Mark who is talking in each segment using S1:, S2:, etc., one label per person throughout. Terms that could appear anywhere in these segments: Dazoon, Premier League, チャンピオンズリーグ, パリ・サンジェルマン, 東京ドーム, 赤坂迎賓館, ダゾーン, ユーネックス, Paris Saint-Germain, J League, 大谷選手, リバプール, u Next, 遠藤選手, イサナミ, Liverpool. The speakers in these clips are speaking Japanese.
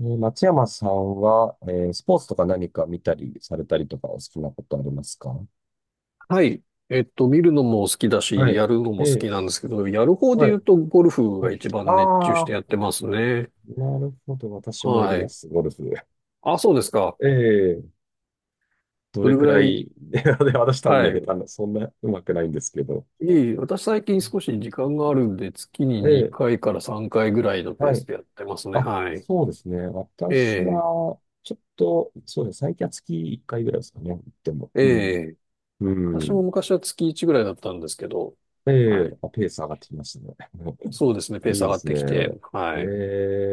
S1: 松山さんは、スポーツとか何か見たりされたりとかお好きなことありますか？
S2: はい。見るのも好きだ
S1: は
S2: し、
S1: い。
S2: やるの
S1: え
S2: も好きな
S1: ー
S2: んですけど、やる方で
S1: は
S2: 言
S1: い。
S2: うと、ゴルフが一番熱中して
S1: あ
S2: やっ
S1: あ
S2: てますね。
S1: ー、なるほど。私もやり
S2: は
S1: ま
S2: い。
S1: す、ゴルフ。
S2: あ、そうですか。
S1: ええど
S2: ど
S1: れ
S2: れぐ
S1: く
S2: ら
S1: ら
S2: い、
S1: い、で、私多分
S2: は
S1: ね、下
S2: い。
S1: 手な、そんな上手くないんですけど。
S2: いい。私最近少し時間があるんで、月に
S1: ええ
S2: 2回から3回ぐらいのペー
S1: は
S2: ス
S1: い。
S2: でやってますね。
S1: あ、
S2: はい。
S1: そうですね。
S2: え
S1: 私
S2: え、
S1: は、ちょっと、そうですね。最近は月1回ぐらいですかね。でも、
S2: え
S1: うん。
S2: え。
S1: う
S2: 私も
S1: ん。
S2: 昔は月1ぐらいだったんですけど、
S1: え
S2: はい。
S1: あ、ペース上がってきましたね。
S2: そうですね。ペース
S1: いい
S2: 上
S1: で
S2: がっ
S1: す
S2: て
S1: ね。
S2: きて、はい。
S1: え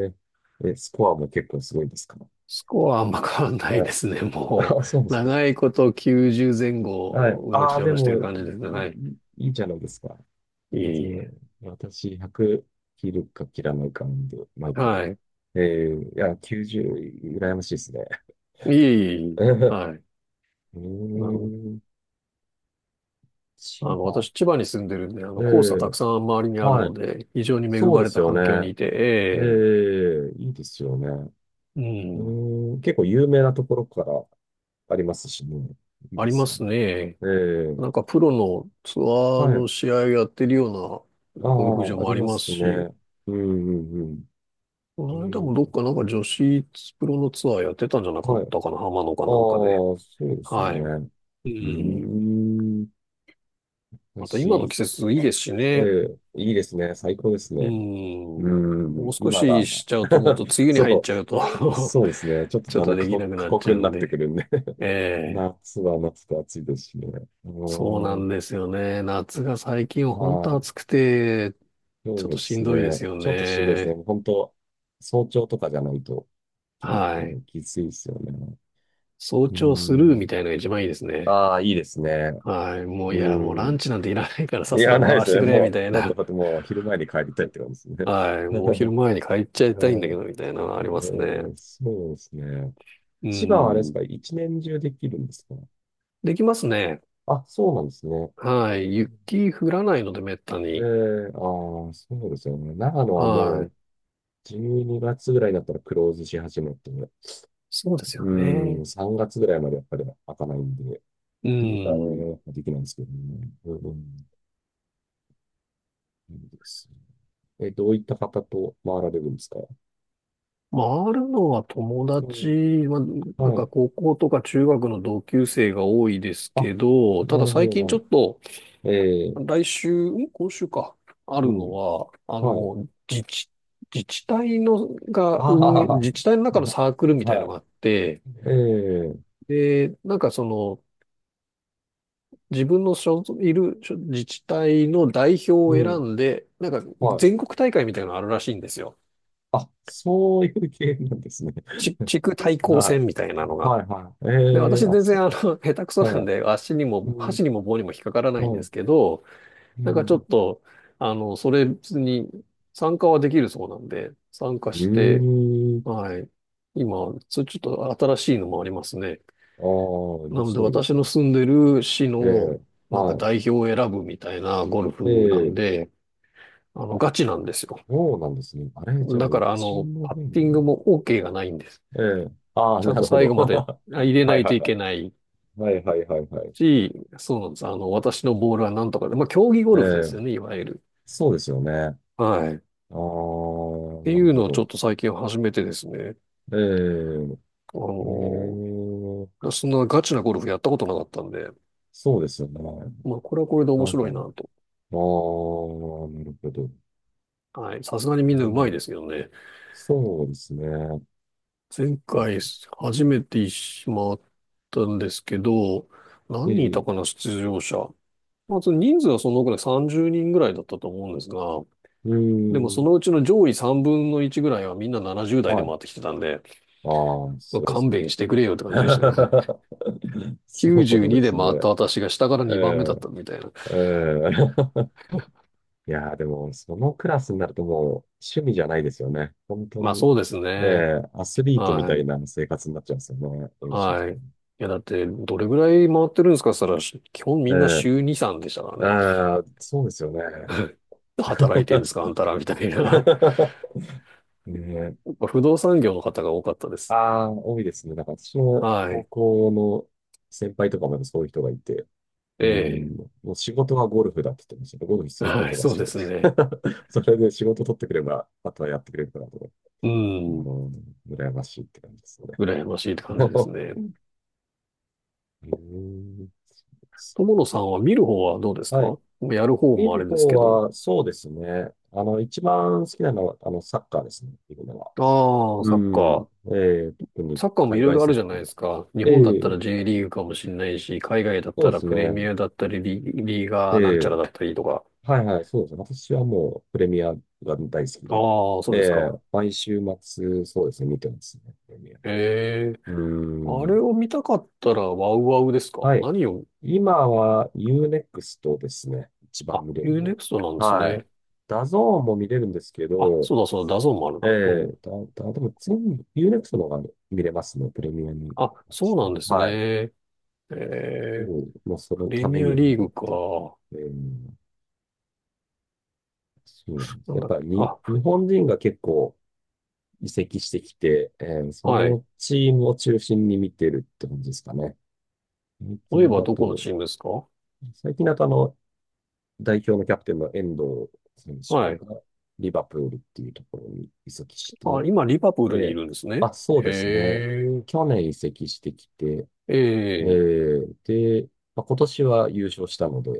S1: スコアも結構すごいですか？
S2: スコアはあんま変わんない
S1: は
S2: で
S1: い。
S2: すね。も
S1: あ、そうで
S2: う、
S1: すか。
S2: 長いこと90前
S1: はい。
S2: 後、うろ
S1: ああ、
S2: ちょ
S1: で
S2: ろして
S1: も、
S2: る感じですね。はい。
S1: いいじゃないですか。
S2: い
S1: 全
S2: えい
S1: 然、
S2: え。
S1: 私、100切るか切らないかなんで、毎回。
S2: はい。
S1: いや、90、羨ましいですね。
S2: いいえ
S1: え
S2: いえ。
S1: ー、
S2: はい。
S1: うー
S2: あの、
S1: ん千
S2: あの、
S1: 葉。
S2: 私、千葉に住んでるんで、あ
S1: え
S2: の、黄砂たく
S1: ー、
S2: さん周りにある
S1: は
S2: の
S1: い。
S2: で、非常に恵
S1: そう
S2: ま
S1: で
S2: れ
S1: す
S2: た
S1: よ
S2: 環境に
S1: ね。
S2: いて、
S1: いいですよね。
S2: ええ、うん、
S1: 結構有名なところからありますしね。いい
S2: あ
S1: で
S2: りま
S1: すよね。
S2: すね。
S1: ええ、
S2: なんか、プロのツアー
S1: は
S2: の
S1: い。
S2: 試合やってるよう
S1: あ
S2: なゴルフ場
S1: あ、あ
S2: も
S1: り
S2: あり
S1: ま
S2: ます
S1: す
S2: し、
S1: ね。うん、うん、
S2: こ
S1: うん。
S2: の間
S1: う
S2: もどっ
S1: ん、
S2: かなんか女子プロのツアーやってたんじゃなか
S1: は
S2: っ
S1: い。ああ、
S2: たかな、浜野かなんかで。
S1: そうですよ
S2: はい。
S1: ね。
S2: う
S1: うー
S2: ん。
S1: ん。
S2: また今の
S1: 私、
S2: 季節いいですし
S1: え
S2: ね。
S1: え、いいですね。最高です
S2: う
S1: ね。
S2: ん。
S1: うー
S2: もう
S1: ん、
S2: 少
S1: 今
S2: し
S1: が。
S2: しちゃうともっ と梅雨に入っ
S1: そ
S2: ちゃうと
S1: そうですね。ちょっと
S2: ちょっ
S1: だんだ
S2: と
S1: ん過
S2: できな
S1: 酷、
S2: く
S1: 過
S2: なっち
S1: 酷
S2: ゃう
S1: にな
S2: ん
S1: ってく
S2: で。
S1: るんで、
S2: え え。
S1: 夏は夏で暑いですしね。う
S2: そうな
S1: ー
S2: ん
S1: ん。
S2: ですよね。夏が最近は本
S1: は
S2: 当
S1: い。
S2: 暑くて、ち
S1: そ
S2: ょっ
S1: う
S2: と
S1: で
S2: し
S1: す
S2: んどいで
S1: ね。
S2: すよ
S1: ちょっとしんどいですね、
S2: ね。
S1: 本当。早朝とかじゃないとき、
S2: はい。
S1: きついですよね。
S2: 早
S1: うー
S2: 朝スルーみ
S1: ん。
S2: たいなのが一番いいですね。
S1: ああ、いいですね。
S2: はい。も
S1: う
S2: ういや、もう
S1: ー
S2: ラン
S1: ん。
S2: チなんていらないからさっ
S1: い
S2: さ
S1: や、
S2: と
S1: ない
S2: 回
S1: で
S2: ら
S1: す
S2: せて
S1: ね。
S2: くれ、み
S1: も
S2: たい
S1: う、だって
S2: な。
S1: だってもう昼前に帰りたいって感じです
S2: はい。もう昼
S1: ね。
S2: 前に帰っちゃいたいんだ
S1: は
S2: け
S1: い。
S2: ど、みたいなのがありますね。
S1: そうですね。
S2: う
S1: 千葉はあれです
S2: ん。
S1: か、一年中できるんですか？
S2: できますね。
S1: あ、そうなんですね。
S2: はい。雪降らないので、めった
S1: え
S2: に。
S1: え、ああ、そうですよね。長野はも
S2: は
S1: う
S2: い。
S1: 12月ぐらいになったらクローズし始めて、
S2: そうですよ
S1: うん、
S2: ね。
S1: 3月ぐらいまでやっぱり開かないんで、
S2: う
S1: 冬は
S2: ん。
S1: ね、できないんですけどね。うん、そうですねえ、どういった方と回られるんですか？
S2: まああるのは友
S1: うん、
S2: 達は、なん
S1: は
S2: か
S1: い。
S2: 高校とか中学の同級生が多いです
S1: あ、
S2: けど、た
S1: な
S2: だ
S1: るほ
S2: 最
S1: ど、
S2: 近
S1: なる
S2: ちょ
S1: ほ
S2: っと、
S1: ど。
S2: 来週、今週か、あ
S1: う
S2: るの
S1: ん、
S2: は、あ
S1: はい。
S2: の、自治体のが
S1: あ
S2: 運営、
S1: あ、
S2: 自治体の中の サークルみたい
S1: は
S2: の
S1: い。
S2: があって、
S1: えー
S2: で、なんかその、自分の所属いる所自治体の代表を
S1: う
S2: 選
S1: ん、
S2: んで、なんか
S1: はい。
S2: 全国大会みたいなのあるらしいんですよ。
S1: あ、そういう系なんですね。
S2: 地区対抗
S1: は
S2: 戦みたいなの
S1: い。
S2: が。
S1: はい、はい。
S2: で、私
S1: あ、
S2: 全
S1: そ
S2: 然あの、下手くそ
S1: う。
S2: なん
S1: はい。
S2: で、足に
S1: う
S2: も、
S1: ん、
S2: 箸にも棒にも引っかからないんで
S1: はい。
S2: すけど、
S1: う
S2: なんかちょ
S1: ん。
S2: っと、あの、それ別に参加はできるそうなんで、参加して、
S1: うーん。
S2: はい。今、それちょっと新しいのもありますね。
S1: ああ、面
S2: なので
S1: 白いで
S2: 私
S1: す
S2: の
S1: ね。
S2: 住んでる市
S1: え
S2: の、
S1: え、
S2: なんか
S1: は
S2: 代表を選ぶみたいなゴル
S1: い。え
S2: フなん
S1: え、
S2: で、あ
S1: あ、
S2: の、ガチなんですよ。
S1: そうなんですね。あれ、じゃあ、
S2: だか
S1: う
S2: ら、あ
S1: ち
S2: の、
S1: の
S2: パッ
S1: 方に
S2: ティング
S1: ね。
S2: も OK がないんです。
S1: ええ、ああ、
S2: ちゃん
S1: な
S2: と
S1: るほ
S2: 最
S1: ど。
S2: 後まで入 れ
S1: は
S2: な
S1: い
S2: い
S1: は
S2: と
S1: い
S2: い
S1: は
S2: けない
S1: い。はいはいはいはい。
S2: し、そうなんです。あの、私のボールはなんとかで、まあ、競技ゴ
S1: え
S2: ルフで
S1: え、
S2: すよね、いわゆる。
S1: そうですよね。ああ、な
S2: はい。っ
S1: る
S2: ていう
S1: ほ
S2: のをちょ
S1: ど。
S2: っと最近始めてですね、
S1: え
S2: あ
S1: え、え
S2: の、
S1: え、
S2: そんなガチなゴルフやったことなかったんで、
S1: そうですよね。
S2: まあ、これはこれで
S1: な
S2: 面
S1: んか、
S2: 白
S1: ああ、
S2: い
S1: な
S2: なと。
S1: るほど。
S2: はい。さすがに
S1: う
S2: みんな上手い
S1: ん、
S2: ですけどね。
S1: そうですね。
S2: 前回初めてしまったんですけど、
S1: え
S2: 何人いた
S1: え、
S2: かな、出場者。まあ、その人数はそのぐらい、30人ぐらいだったと思うんですが、
S1: う
S2: でもそ
S1: ん、
S2: のうちの上位3分の1ぐらいはみんな70代
S1: は
S2: で
S1: い。
S2: 回ってきてたんで、
S1: ああ、
S2: ま
S1: そ
S2: あ
S1: うです
S2: 勘
S1: ね。
S2: 弁してくれよって感じ でしたね。
S1: そ う
S2: 92
S1: で
S2: で
S1: す
S2: 回っ
S1: ね。
S2: た私が下から2番目だった
S1: え
S2: みたいな。
S1: え、ええ。いやー、でも、そのクラスになるともう趣味じゃないですよね、本当
S2: まあ
S1: に。
S2: そうです
S1: え
S2: ね。
S1: え、アスリートみた
S2: は
S1: い
S2: い。
S1: な生活になっちゃうんですよね、練習と
S2: はい。
S1: か
S2: い
S1: も。
S2: や、だって、どれぐらい回ってるんですかって言ったら、基本みんな
S1: え
S2: 週2、3でしたから
S1: え、
S2: ね。
S1: ああ、そうですよね。
S2: 働いてるんですかあんたらみたいな。
S1: ねえ、
S2: やっぱ不動産業の方が多かったで
S1: あ
S2: す。
S1: あ、多いですね。なんか私の
S2: は
S1: 高
S2: い。
S1: 校の先輩とかもそういう人がいて、
S2: え
S1: う
S2: え。
S1: ん、もう仕事はゴルフだって言ってましたけど、ゴルフするこ
S2: はい、
S1: とが
S2: そう
S1: 仕
S2: で
S1: 事。
S2: すね。
S1: それで仕事取ってくれば、あとはやってくれるからと、
S2: う
S1: あ
S2: ん。
S1: の、羨ましいって感じですよね。
S2: 羨ましいって感じですね。
S1: うん、
S2: 友野さんは見る方はどうです
S1: はい。
S2: か？やる方
S1: 見
S2: もあ
S1: る
S2: れです
S1: 方
S2: けど。
S1: は、そうですね。あの、一番好きなのは、あの、サッカーですね、見るのは。
S2: ああ、
S1: う
S2: サッカ
S1: ん。
S2: ー。
S1: 特に
S2: サッカーもい
S1: 海
S2: ろい
S1: 外
S2: ろあ
S1: サ
S2: る
S1: ッ
S2: じゃな
S1: カ
S2: い
S1: ー。
S2: ですか。日本だっ
S1: え
S2: た
S1: え
S2: ら J リーグかもしれないし、海外だっ
S1: そ
S2: た
S1: うで
S2: ら
S1: す
S2: プレミ
S1: ね。
S2: アだったり、リーガーなんちゃら
S1: ええ
S2: だったりとか。
S1: はいはい、そうですね。私はもうプレミアが大好きで、
S2: ああ、そうですか。
S1: 毎週末、そうですね、見てますね、プレミア。
S2: ええ、
S1: うー
S2: あれ
S1: ん。
S2: を見たかったらワウワウですか？
S1: はい。
S2: 何を、
S1: 今はユーネックスとですね、一番
S2: あ、
S1: 見れる
S2: u ネ
S1: の
S2: クストなん
S1: は。
S2: です
S1: はい。
S2: ね。
S1: ダゾーンも見れるんですけ
S2: あ、
S1: ど、
S2: そうだそうだ、ダゾーンもある
S1: え
S2: な。う
S1: え
S2: ん。
S1: だ、だ、でも全部ユーネックストの方が見れますね、プレミアに。
S2: あ、そうなんですね。
S1: はい。
S2: え
S1: う
S2: え、
S1: ん、もうそ
S2: プ
S1: の
S2: レ
S1: ため
S2: ミア
S1: にあ
S2: リー
S1: るっ
S2: グ
S1: て。
S2: か。
S1: えー、そうなんです。
S2: なん
S1: やっ
S2: だっけ、
S1: ぱりに、
S2: あ、
S1: 日本人が結構、移籍してきて、そ
S2: はい。
S1: のチームを中心に見てるって感じですかね。最
S2: 例え
S1: 近
S2: ば
S1: だ
S2: どこの
S1: と、
S2: チームですか？
S1: 最近だとあの、代表のキャプテンの遠藤選
S2: はい。
S1: 手がリバプールっていうところに移籍し
S2: あ、
S1: て、
S2: 今、リバプールに
S1: え
S2: い
S1: ー
S2: るんですね。
S1: あ、そう
S2: へ
S1: ですね。
S2: え、
S1: 去年移籍してきて、
S2: ええ、
S1: で、まあ、今年は優勝したので、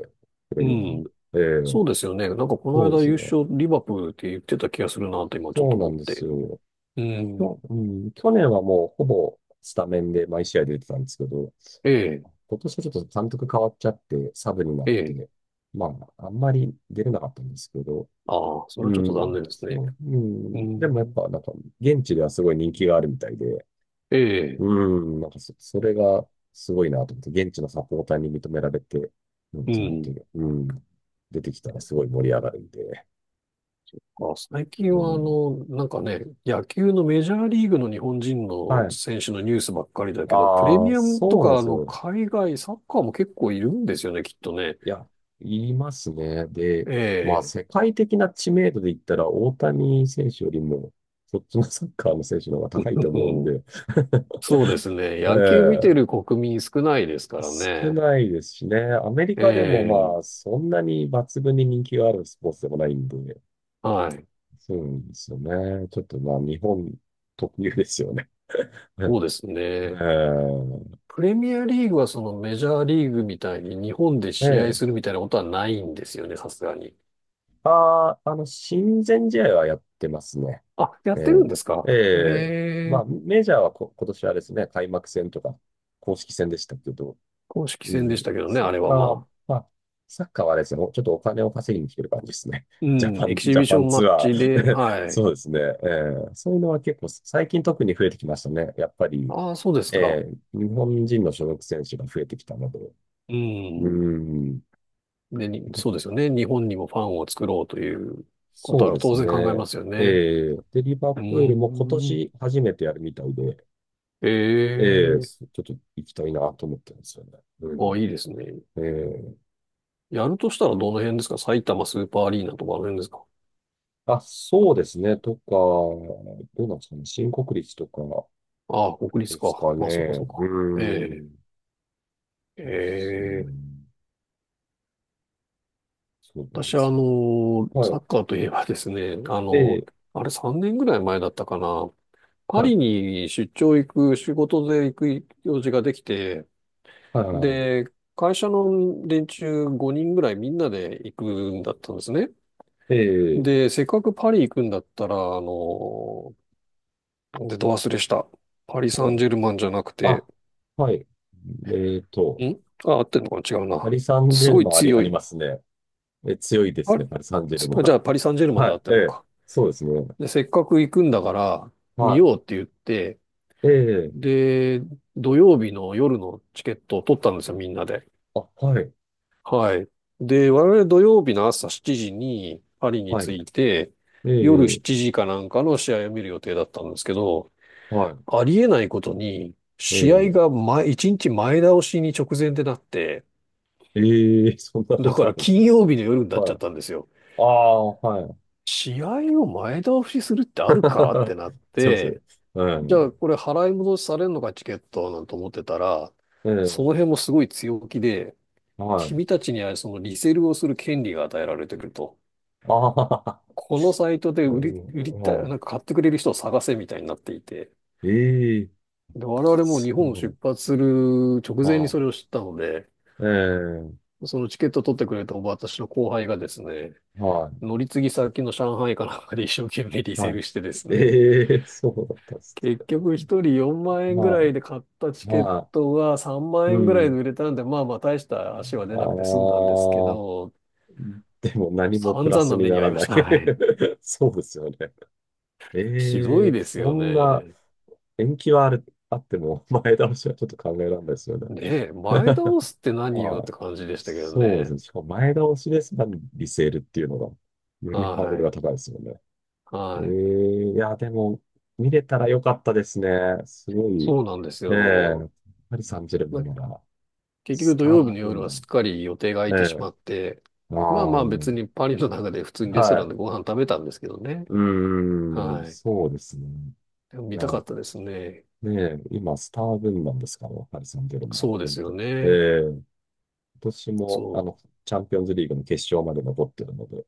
S1: プレ
S2: う
S1: ミアリー
S2: ん。
S1: グ、
S2: そうですよね。なんかこ
S1: そ
S2: の
S1: うで
S2: 間
S1: す
S2: 優
S1: ね。
S2: 勝リバプールって言ってた気がするなと今ちょっ
S1: そう
S2: と
S1: な
S2: 思っ
S1: んです
S2: て。
S1: よ。
S2: うん。
S1: 去年はもうほぼスタメンで毎試合出てたんですけど、
S2: ええ、
S1: 今年はちょっと監督変わっちゃって、サブにな
S2: え
S1: っ
S2: え。
S1: て、まあ、あんまり出れなかったんですけど、
S2: ああ、それは
S1: う
S2: ちょっと残
S1: ん、
S2: 念ですね。
S1: そう、う
S2: う
S1: ん、でもやっ
S2: ん。
S1: ぱ、なんか、現地ではすごい人気があるみたいで、
S2: ええ、
S1: うん、なんかそれがすごいなと思って、現地のサポーターに認められて、うん、
S2: う
S1: ちゃん
S2: ん。
S1: と、うん、出てきたらすごい盛り上がるんで、
S2: あ、最近
S1: う
S2: はあ
S1: ん、
S2: の、なんかね、野球のメジャーリーグの日本人
S1: は
S2: の
S1: い。
S2: 選手のニュースばっかりだけど、プレ
S1: ああ、
S2: ミアムと
S1: そうなん
S2: か
S1: で
S2: あ
S1: す
S2: の、
S1: よ。
S2: 海外サッカーも結構いるんですよね、きっとね。
S1: いや、言いますね。で、
S2: え
S1: まあ、
S2: え、
S1: 世界的な知名度で言ったら、大谷選手よりも、そっちのサッカーの選手の方が
S2: う
S1: 高いと思うん
S2: ん、
S1: で、
S2: そうですね。
S1: え
S2: 野球見て
S1: え
S2: る国民少ないですから
S1: 少
S2: ね。
S1: ないですしね。アメリ
S2: え
S1: カでも
S2: え、
S1: まあ、そんなに抜群に人気があるスポーツでもないんで、
S2: はい。
S1: そうなんですよね。ちょっとまあ、日本特有ですよね。え
S2: そうですね。
S1: え
S2: プレミアリーグはそのメジャーリーグみたいに日本で試
S1: え
S2: 合
S1: え
S2: するみたいなことはないんですよね、さすがに。
S1: ああ、あの、親善試合はやってますね。
S2: あ、や
S1: え
S2: ってるんですか？
S1: ええ
S2: え
S1: えまあ、
S2: え、
S1: メジャーは今年はですね、開幕戦とか、公式戦でしたけど、
S2: 公式
S1: う
S2: 戦でし
S1: ん、
S2: たけどね、
S1: サ
S2: あ
S1: ッ
S2: れは
S1: カ
S2: ま
S1: ー、
S2: あ。
S1: まあ、サッカーはですね、ちょっとお金を稼ぎに来てる感じですね。
S2: う ん、エキシ
S1: ジャ
S2: ビシ
S1: パ
S2: ョ
S1: ン
S2: ンマ
S1: ツ
S2: ッ
S1: アー。
S2: チで、はい。
S1: そうですね。そういうのは結構、最近特に増えてきましたね。やっぱり、
S2: ああ、そうですか。
S1: 日本人の所属選手が増えてきたので、
S2: う
S1: う
S2: ん。
S1: ん、
S2: で、そうですよね。日本にもファンを作ろうということ
S1: そう
S2: は
S1: です
S2: 当然考え
S1: ね。
S2: ますよね。
S1: えで、リバ
S2: う
S1: プー
S2: ー
S1: ルも今
S2: ん。
S1: 年初めてやるみたいで、
S2: ええ、
S1: ちょっと行きたいなと思ってるんですよね。う
S2: あ、
S1: ん。
S2: いいですね。
S1: ええ
S2: やるとしたらどの辺ですか？埼玉スーパーアリーナとかあの辺ですか？
S1: あ、そうですね。とか、どうなんですかね。新国立とか
S2: ああ、国立
S1: です
S2: か。
S1: か
S2: まあ、そっか
S1: ね。
S2: そっか。
S1: う
S2: え
S1: ん。
S2: え、
S1: です
S2: ええ、
S1: ね。そうなん
S2: 私
S1: で
S2: はあ
S1: す
S2: の、
S1: よ。は
S2: サ
S1: い。
S2: ッカーといえばですね、あの、
S1: ええ
S2: あれ3年ぐらい前だったかな。パ
S1: はい。
S2: リに出張行く、仕事で行く用事ができて、
S1: はいはいはい。
S2: で、会社の連中5人ぐらいみんなで行くんだったんですね。
S1: ええ
S2: で、せっかくパリ行くんだったら、あの、出た忘れした。パリ・サ
S1: は
S2: ン
S1: い。
S2: ジェルマンじゃなくて、
S1: あ、はい。えっと、
S2: んあ、合ってんのかな違う
S1: パ
S2: な。
S1: リ・サンジ
S2: す
S1: ェル
S2: ごい
S1: マンあ
S2: 強
S1: り
S2: い。
S1: ますね。え、強いです
S2: パ
S1: ね、パリ・サンジェルマ
S2: じゃあパ
S1: ン。
S2: リ・サンジェルマン
S1: は
S2: で合
S1: い、
S2: って
S1: え
S2: んの
S1: え、
S2: か。
S1: そうですね。
S2: で、せっかく行くんだから、見
S1: は
S2: ようって言って、
S1: い、ええ、
S2: で、土曜日の夜のチケットを取ったんですよ、みんなで。
S1: あ、はい、
S2: はい。で、我々土曜日の朝7時にパリに
S1: はい、
S2: 着いて、
S1: え
S2: 夜
S1: え、
S2: 7時かなんかの試合を見る予定だったんですけど、
S1: は
S2: ありえないことに、
S1: い、え
S2: 試合が
S1: え、
S2: 前、1日前倒しに直前でなって、
S1: ええ、そんなこ
S2: だか
S1: とあ
S2: ら
S1: るんです
S2: 金
S1: ね。
S2: 曜日の夜になっちゃっ
S1: はい。
S2: たんですよ。
S1: ああ、はい。
S2: 試合を前倒しするってあるかってなっ
S1: すいません。
S2: て、じゃあ
S1: え
S2: これ払い戻しされるのかチケットなんて思ってたら、
S1: え、え
S2: その
S1: え、
S2: 辺もすごい強気で、
S1: はい。
S2: 君たちにはそのリセールをする権利が与えられてくると。
S1: ああ、
S2: このサイトで
S1: え
S2: 売り
S1: え、
S2: たい、
S1: は
S2: なんか買ってくれる人を探せみたいになっていて。
S1: い。ええ、
S2: で、我々も
S1: そ
S2: 日本を出
S1: う
S2: 発する直
S1: だ。
S2: 前に
S1: は
S2: それを知ったので、
S1: い。ええ、
S2: そのチケット取ってくれた私の後輩がですね、
S1: は
S2: 乗り継ぎ先の上海かなんかで一生懸命リ
S1: い、
S2: セ
S1: は
S2: ー
S1: い。
S2: ルしてですね、
S1: ええ、そうだったっす
S2: 結
S1: ね。
S2: 局一人4万円ぐら
S1: は
S2: いで買ったチ
S1: い、
S2: ケッ
S1: は
S2: トが3
S1: い。
S2: 万
S1: う
S2: 円ぐらいで
S1: ん。
S2: 売れたんで、まあまあ大した足は出
S1: あ
S2: なくて済んだ
S1: あ、
S2: んですけど、
S1: でも何もプ
S2: 散
S1: ラ
S2: 々
S1: ス
S2: な
S1: に
S2: 目に
S1: な
S2: 遭
S1: ら
S2: いま
S1: な
S2: し
S1: い。
S2: た。はい。
S1: そうですよね。
S2: ひどいです
S1: そ
S2: よ
S1: んな
S2: ね。
S1: 延期はあっても、 前倒しはちょっと考えられないですよね。
S2: ねえ、前倒すって何よ
S1: は
S2: って
S1: い。
S2: 感じでしたけど
S1: そうです
S2: ね。
S1: ね。しかも前倒しですが、リセールっていうのが、よりハード
S2: は
S1: ルが
S2: い。
S1: 高いですよね。
S2: はい。
S1: いや、でも、見れたらよかったですね、すごい。
S2: そうなんです
S1: ええ
S2: よ。
S1: パリ・サンジェルマンなら、
S2: 結局
S1: ス
S2: 土曜日
S1: ター
S2: の夜
S1: 軍
S2: はすっ
S1: 団。
S2: かり予定が空
S1: え
S2: いてし
S1: え
S2: まって、
S1: あ
S2: ま
S1: あ、
S2: あまあ
S1: は
S2: 別
S1: い。
S2: にパリの中で普通にレストランでご飯食べたんですけどね。
S1: うーん、
S2: はい。
S1: そうですね。
S2: でも
S1: い
S2: 見
S1: や、
S2: たかったですね。
S1: ねえ、今、スター軍団ですから、パリ・サンジェルマン
S2: そうで
S1: 軍っ
S2: す
S1: て。
S2: よ
S1: え
S2: ね。
S1: え、今年も、
S2: そ
S1: あ
S2: う。
S1: の、チャンピオンズリーグの決勝まで残ってるので、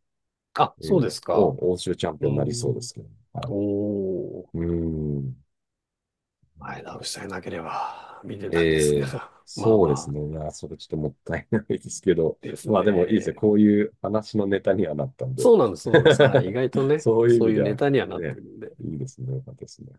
S2: あ、
S1: え
S2: そう
S1: え、
S2: ですか。
S1: 欧州チャン
S2: う
S1: ピ
S2: ー
S1: オンになりそうで
S2: ん。
S1: すけど、は
S2: おー。
S1: い。うーん。
S2: 前倒しさえなければ見てたんです
S1: え
S2: ね。
S1: え、
S2: まあ
S1: そう
S2: ま
S1: ですね。い
S2: あ
S1: や、それちょっともったいないですけど、
S2: です
S1: まあでもいいですね。
S2: ね。
S1: こういう話のネタにはなったんで、
S2: そうなんです、そうなんです。はい。意 外とね、
S1: そういう意
S2: そ
S1: 味
S2: ういう
S1: で
S2: ネ
S1: は、
S2: タにはなって
S1: ね、
S2: るんで。
S1: いいですね。よかったですね。